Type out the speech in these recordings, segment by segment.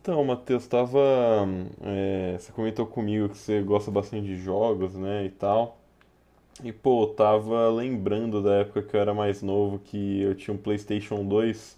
Então, Matheus, tava, você comentou comigo que você gosta bastante de jogos, né, e tal. E pô, eu tava lembrando da época que eu era mais novo, que eu tinha um PlayStation 2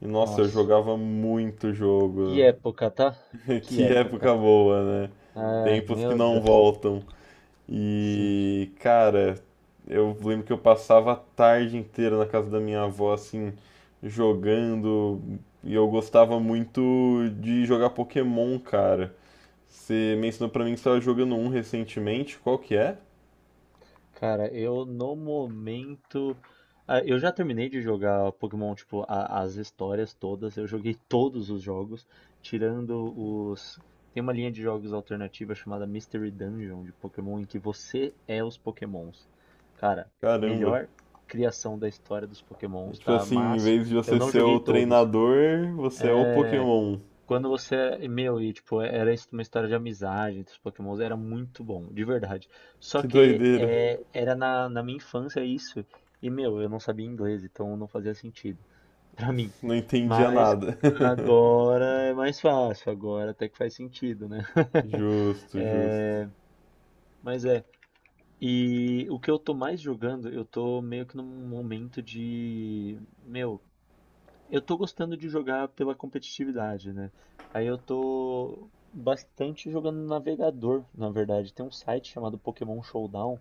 e nossa, eu Nossa, jogava muito que jogo. época, tá? Que Que época época. boa, né? Ah, Tempos que meu não Deus. voltam. Sim. E cara, eu lembro que eu passava a tarde inteira na casa da minha avó assim jogando e eu gostava muito de jogar Pokémon, cara. Você mencionou pra mim que você estava jogando um recentemente, qual que é? Cara, eu no momento. Ah, eu já terminei de jogar Pokémon, tipo, as histórias todas. Eu joguei todos os jogos, tirando os. Tem uma linha de jogos alternativa chamada Mystery Dungeon de Pokémon, em que você é os Pokémons. Cara, Caramba. melhor criação da história dos É Pokémons, tipo tá? assim, em Mas vez de eu você não ser joguei o todos. treinador, você é o Pokémon. Quando você. Meu, e tipo, era isso uma história de amizade entre os Pokémons, era muito bom, de verdade. Só Que que doideira. Era na minha infância isso. E, meu, eu não sabia inglês, então não fazia sentido pra mim. Não entendia Mas nada. agora é mais fácil, agora até que faz sentido, né? Justo, justo. É, mas é. E o que eu tô mais jogando, eu tô meio que num momento de. Meu, eu tô gostando de jogar pela competitividade, né? Aí eu tô bastante jogando no navegador, na verdade. Tem um site chamado Pokémon Showdown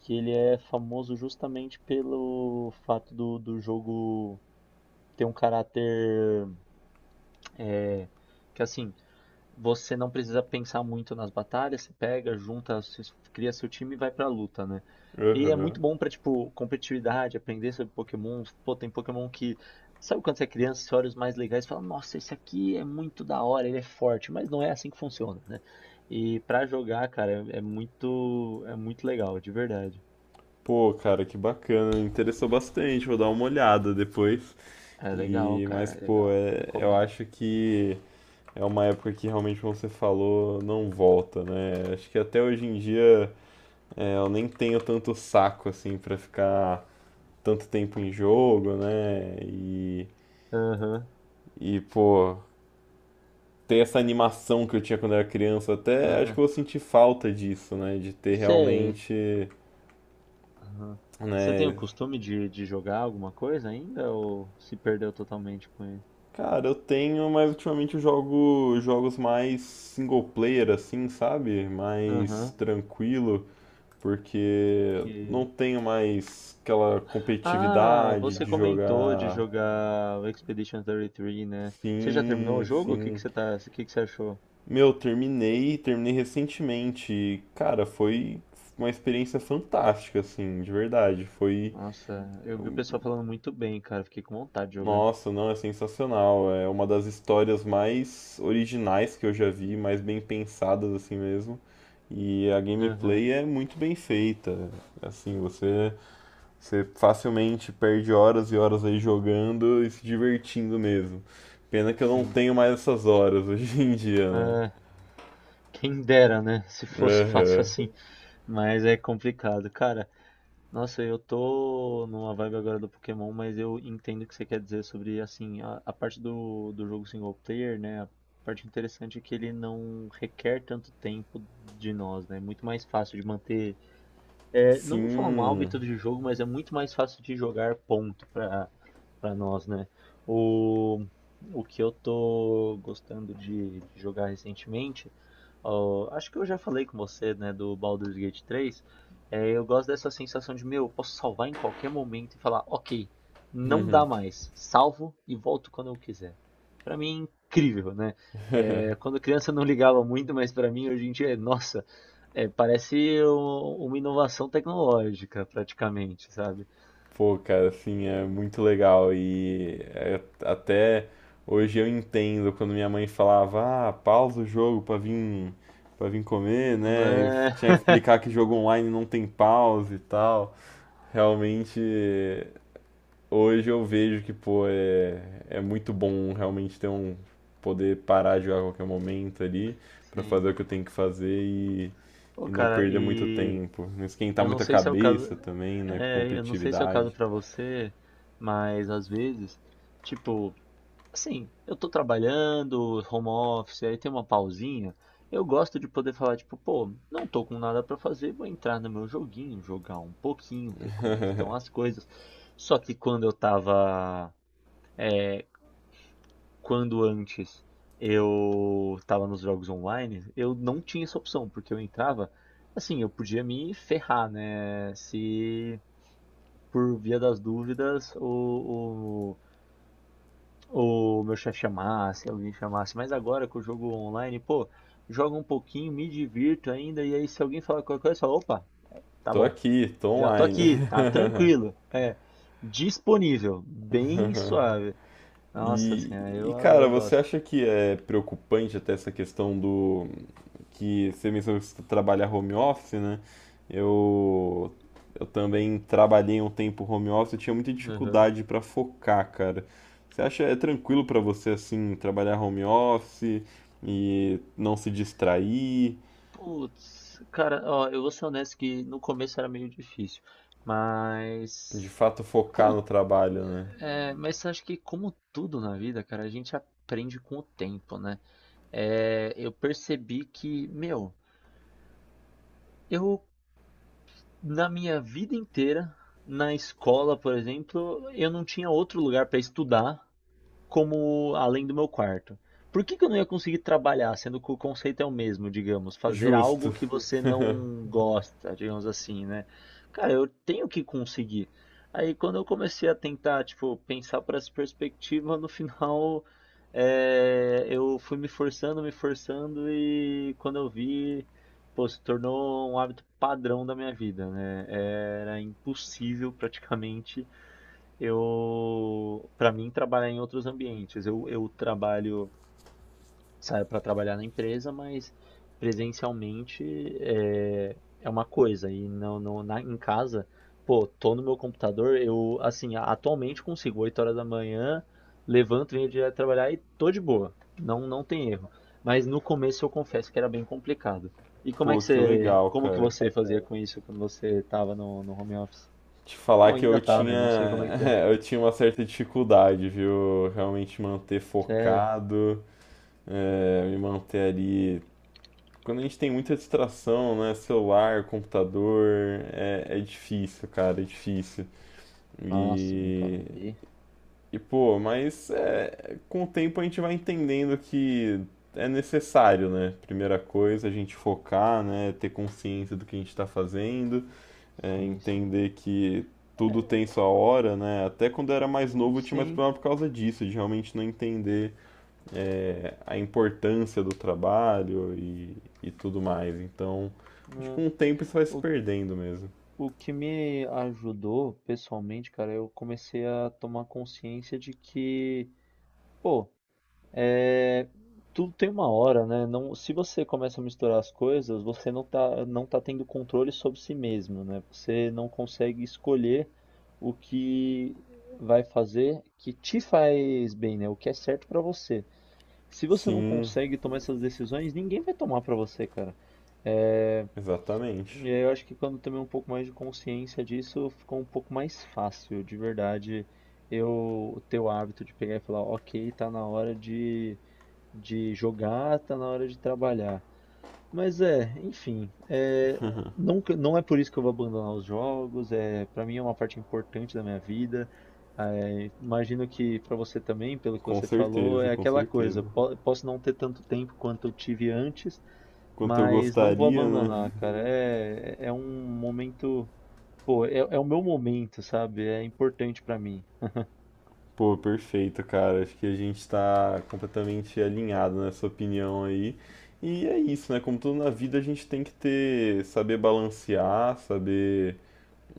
que ele é famoso justamente pelo fato do jogo ter um caráter é, que assim você não precisa pensar muito nas batalhas, você pega, junta, cria seu time e vai pra luta, né? E é Aham. muito bom pra, tipo, competitividade, aprender sobre Pokémon. Pô, tem Pokémon que. Sabe quando você é criança, você olha os mais legais e fala, nossa, esse aqui é muito da hora, ele é forte, mas não é assim que funciona, né? E pra jogar, cara, é muito legal, de verdade. Pô, cara, que bacana. Interessou bastante. Vou dar uma olhada depois. É legal, E, mas, cara, é pô, legal. Eu Recomendo. acho que é uma época que realmente, como você falou, não volta, né? Acho que até hoje em dia. É, eu nem tenho tanto saco assim pra ficar tanto tempo em jogo, né? Aham. E pô, ter essa animação que eu tinha quando eu era criança, até acho É. que eu vou sentir falta disso, né? De ter Você realmente, Aham. Você tem o né? costume de jogar alguma coisa ainda ou se perdeu totalmente com ele? Cara, eu tenho, mas ultimamente eu jogo jogos mais single player, assim, sabe? Mais Aham. tranquilo, porque não Que... tenho mais aquela Ah, competitividade você de comentou de jogar. jogar o Expedition 33, né? Você já terminou o Sim, jogo? Sim. O que que você achou? Meu, terminei recentemente. E, cara, foi uma experiência fantástica, assim, de verdade. Foi, Nossa, eu vi o pessoal falando muito bem, cara. Fiquei com vontade de jogar. nossa, não, é sensacional. É uma das histórias mais originais que eu já vi, mais bem pensadas, assim mesmo. E a Aham, gameplay é muito bem feita. Assim, você, você facilmente perde horas e horas aí jogando e se divertindo mesmo. Pena que eu não sim. tenho mais essas horas hoje em dia, né? É, quem dera, né? Se fosse fácil Aham. assim. Mas é complicado, cara. Nossa, eu tô numa vibe agora do Pokémon, mas eu entendo o que você quer dizer sobre, assim, a parte do jogo single player, né? A parte interessante é que ele não requer tanto tempo de nós, né? É muito mais fácil de manter não vou falar um Sim. hábito de jogo, mas é muito mais fácil de jogar ponto para nós, né? O, o que eu tô gostando de jogar recentemente, ó, acho que eu já falei com você, né, do Baldur's Gate 3. É, eu gosto dessa sensação de, meu, eu posso salvar em qualquer momento e falar, ok, não dá mais, salvo e volto quando eu quiser. Pra mim é incrível, né? É, quando criança eu não ligava muito, mas pra mim hoje em dia é, nossa, parece uma inovação tecnológica, praticamente, sabe? Pô, cara, assim, é muito legal e até hoje eu entendo quando minha mãe falava, ah, pausa o jogo pra para vir comer, né? Eu Né? tinha que explicar que jogo online não tem pausa e tal. Realmente, hoje eu vejo que, pô, é, é muito bom realmente ter um poder parar de jogar a qualquer momento ali pra Sim. fazer o que eu tenho que fazer Pô, e não cara, perder muito e tempo, não esquentar eu não muito a sei se é o caso, cabeça também, né, com eu não sei se é o caso competitividade. pra você, mas às vezes, tipo, assim, eu tô trabalhando, home office, aí tem uma pausinha, eu gosto de poder falar, tipo, pô, não tô com nada pra fazer, vou entrar no meu joguinho, jogar um pouquinho, ver como é que estão as coisas. Só que quando antes eu estava nos jogos online, eu não tinha essa opção, porque eu entrava, assim, eu podia me ferrar, né? Se por via das dúvidas o meu chefe chamasse, alguém chamasse. Mas agora que eu jogo online, pô, jogo um pouquinho, me divirto ainda, e aí se alguém falar qualquer coisa, eu falo, opa, tá Tô bom, aqui, tô já tô online. aqui, tá tranquilo. É, disponível, bem suave. Nossa E, senhora, e, eu, adoro, cara, eu você gosto. acha que é preocupante até essa questão do que você mencionou que você trabalha home office, né? Eu eu também trabalhei um tempo home office, eu tinha muita Uhum. dificuldade pra focar, cara. Você acha é tranquilo pra você assim trabalhar home office e não se distrair, Putz, cara, ó, eu vou ser honesto que no começo era meio difícil, de mas fato focar como no trabalho, né? Mas acho que como tudo na vida, cara, a gente aprende com o tempo, né? É, eu percebi que, meu, eu na minha vida inteira, na escola, por exemplo, eu não tinha outro lugar pra estudar como além do meu quarto. Por que que eu não ia conseguir trabalhar, sendo que o conceito é o mesmo, digamos, fazer algo Justo. que você não gosta, digamos assim, né? Cara, eu tenho que conseguir. Aí quando eu comecei a tentar, tipo, pensar por essa perspectiva, no final eu fui me forçando e quando eu vi, pô, se tornou um hábito padrão da minha vida, né? Era impossível praticamente para mim, trabalhar em outros ambientes. Eu trabalho, saio para trabalhar na empresa, mas presencialmente é uma coisa. E não, não, em casa, pô, tô no meu computador, eu, assim, atualmente consigo, 8 horas da manhã, levanto, venho direto trabalhar e tô de boa. Não, não tem erro. Mas no começo eu confesso que era bem complicado. E Pô, que legal, como que cara. você fazia com isso quando você tava no home office? Te falar Ou que ainda eu tá, né? tinha, Não sei como é que é. eu tinha uma certa dificuldade, viu? Realmente manter Sério. focado, me manter ali. Quando a gente tem muita distração, né? Celular, computador, é, é difícil, cara, é difícil. Ah, sim, cara. E, E e pô, mas é, com o tempo a gente vai entendendo que é necessário, né? Primeira coisa, a gente focar, né? Ter consciência do que a gente está fazendo. É, sim, sim. entender que tudo tem sua hora, né? Até quando eu era mais novo eu tinha mais Sim, problema por causa disso, de realmente não entender a importância do trabalho e tudo mais. Então, acho que né? com o tempo isso vai se O, perdendo mesmo. o que me ajudou pessoalmente, cara, eu comecei a tomar consciência de que, pô, é, tudo tem uma hora, né? Não, se você começa a misturar as coisas, você não tá, não tá tendo controle sobre si mesmo, né? Você não consegue escolher o que vai fazer que te faz bem, né? O que é certo pra você. Se você não Sim, consegue tomar essas decisões, ninguém vai tomar pra você, cara. É, exatamente. e aí eu acho que quando eu tomei um pouco mais de consciência disso, ficou um pouco mais fácil, de verdade, eu ter o hábito de pegar e falar, ok, tá na hora de jogar, tá na hora de trabalhar. Mas é, enfim, não, não é por isso que eu vou abandonar os jogos, para mim é uma parte importante da minha vida. É, imagino que para você também, pelo que Com você falou, certeza, é com aquela certeza. coisa, posso não ter tanto tempo quanto eu tive antes, Quanto eu mas não vou gostaria, né? abandonar, cara. É, um momento, pô, é é o meu momento, sabe? É importante para mim. Pô, perfeito, cara. Acho que a gente tá completamente alinhado nessa opinião aí. E é isso, né? Como tudo na vida, a gente tem que ter, saber balancear, saber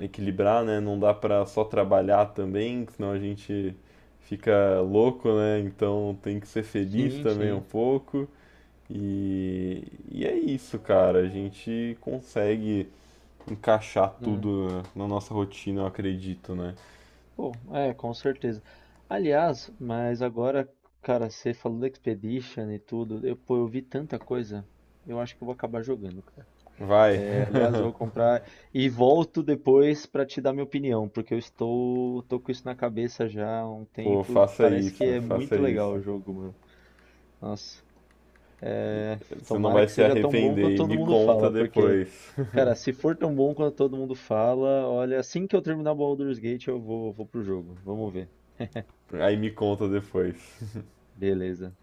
equilibrar, né? Não dá pra só trabalhar também, que senão a gente fica louco, né? Então tem que ser feliz Sim, também um sim. pouco. E, e é isso, cara. A gente consegue encaixar tudo na nossa rotina, eu acredito, né? Pô, com certeza. Aliás, mas agora, cara, você falou da Expedition e tudo, eu, pô, eu vi tanta coisa, eu acho que eu vou acabar jogando, cara. Vai, É, aliás, vou comprar e volto depois pra te dar minha opinião, porque tô com isso na cabeça já há um pô, tempo, faça parece que isso, é faça muito legal isso. o jogo, mano. Nossa, Você não tomara vai que se seja tão bom quanto arrepender e todo me mundo conta fala, porque, depois. cara, se for tão bom quanto todo mundo fala, olha, assim que eu terminar o Baldur's Gate, eu vou pro jogo, vamos ver. Aí me conta depois. Beleza.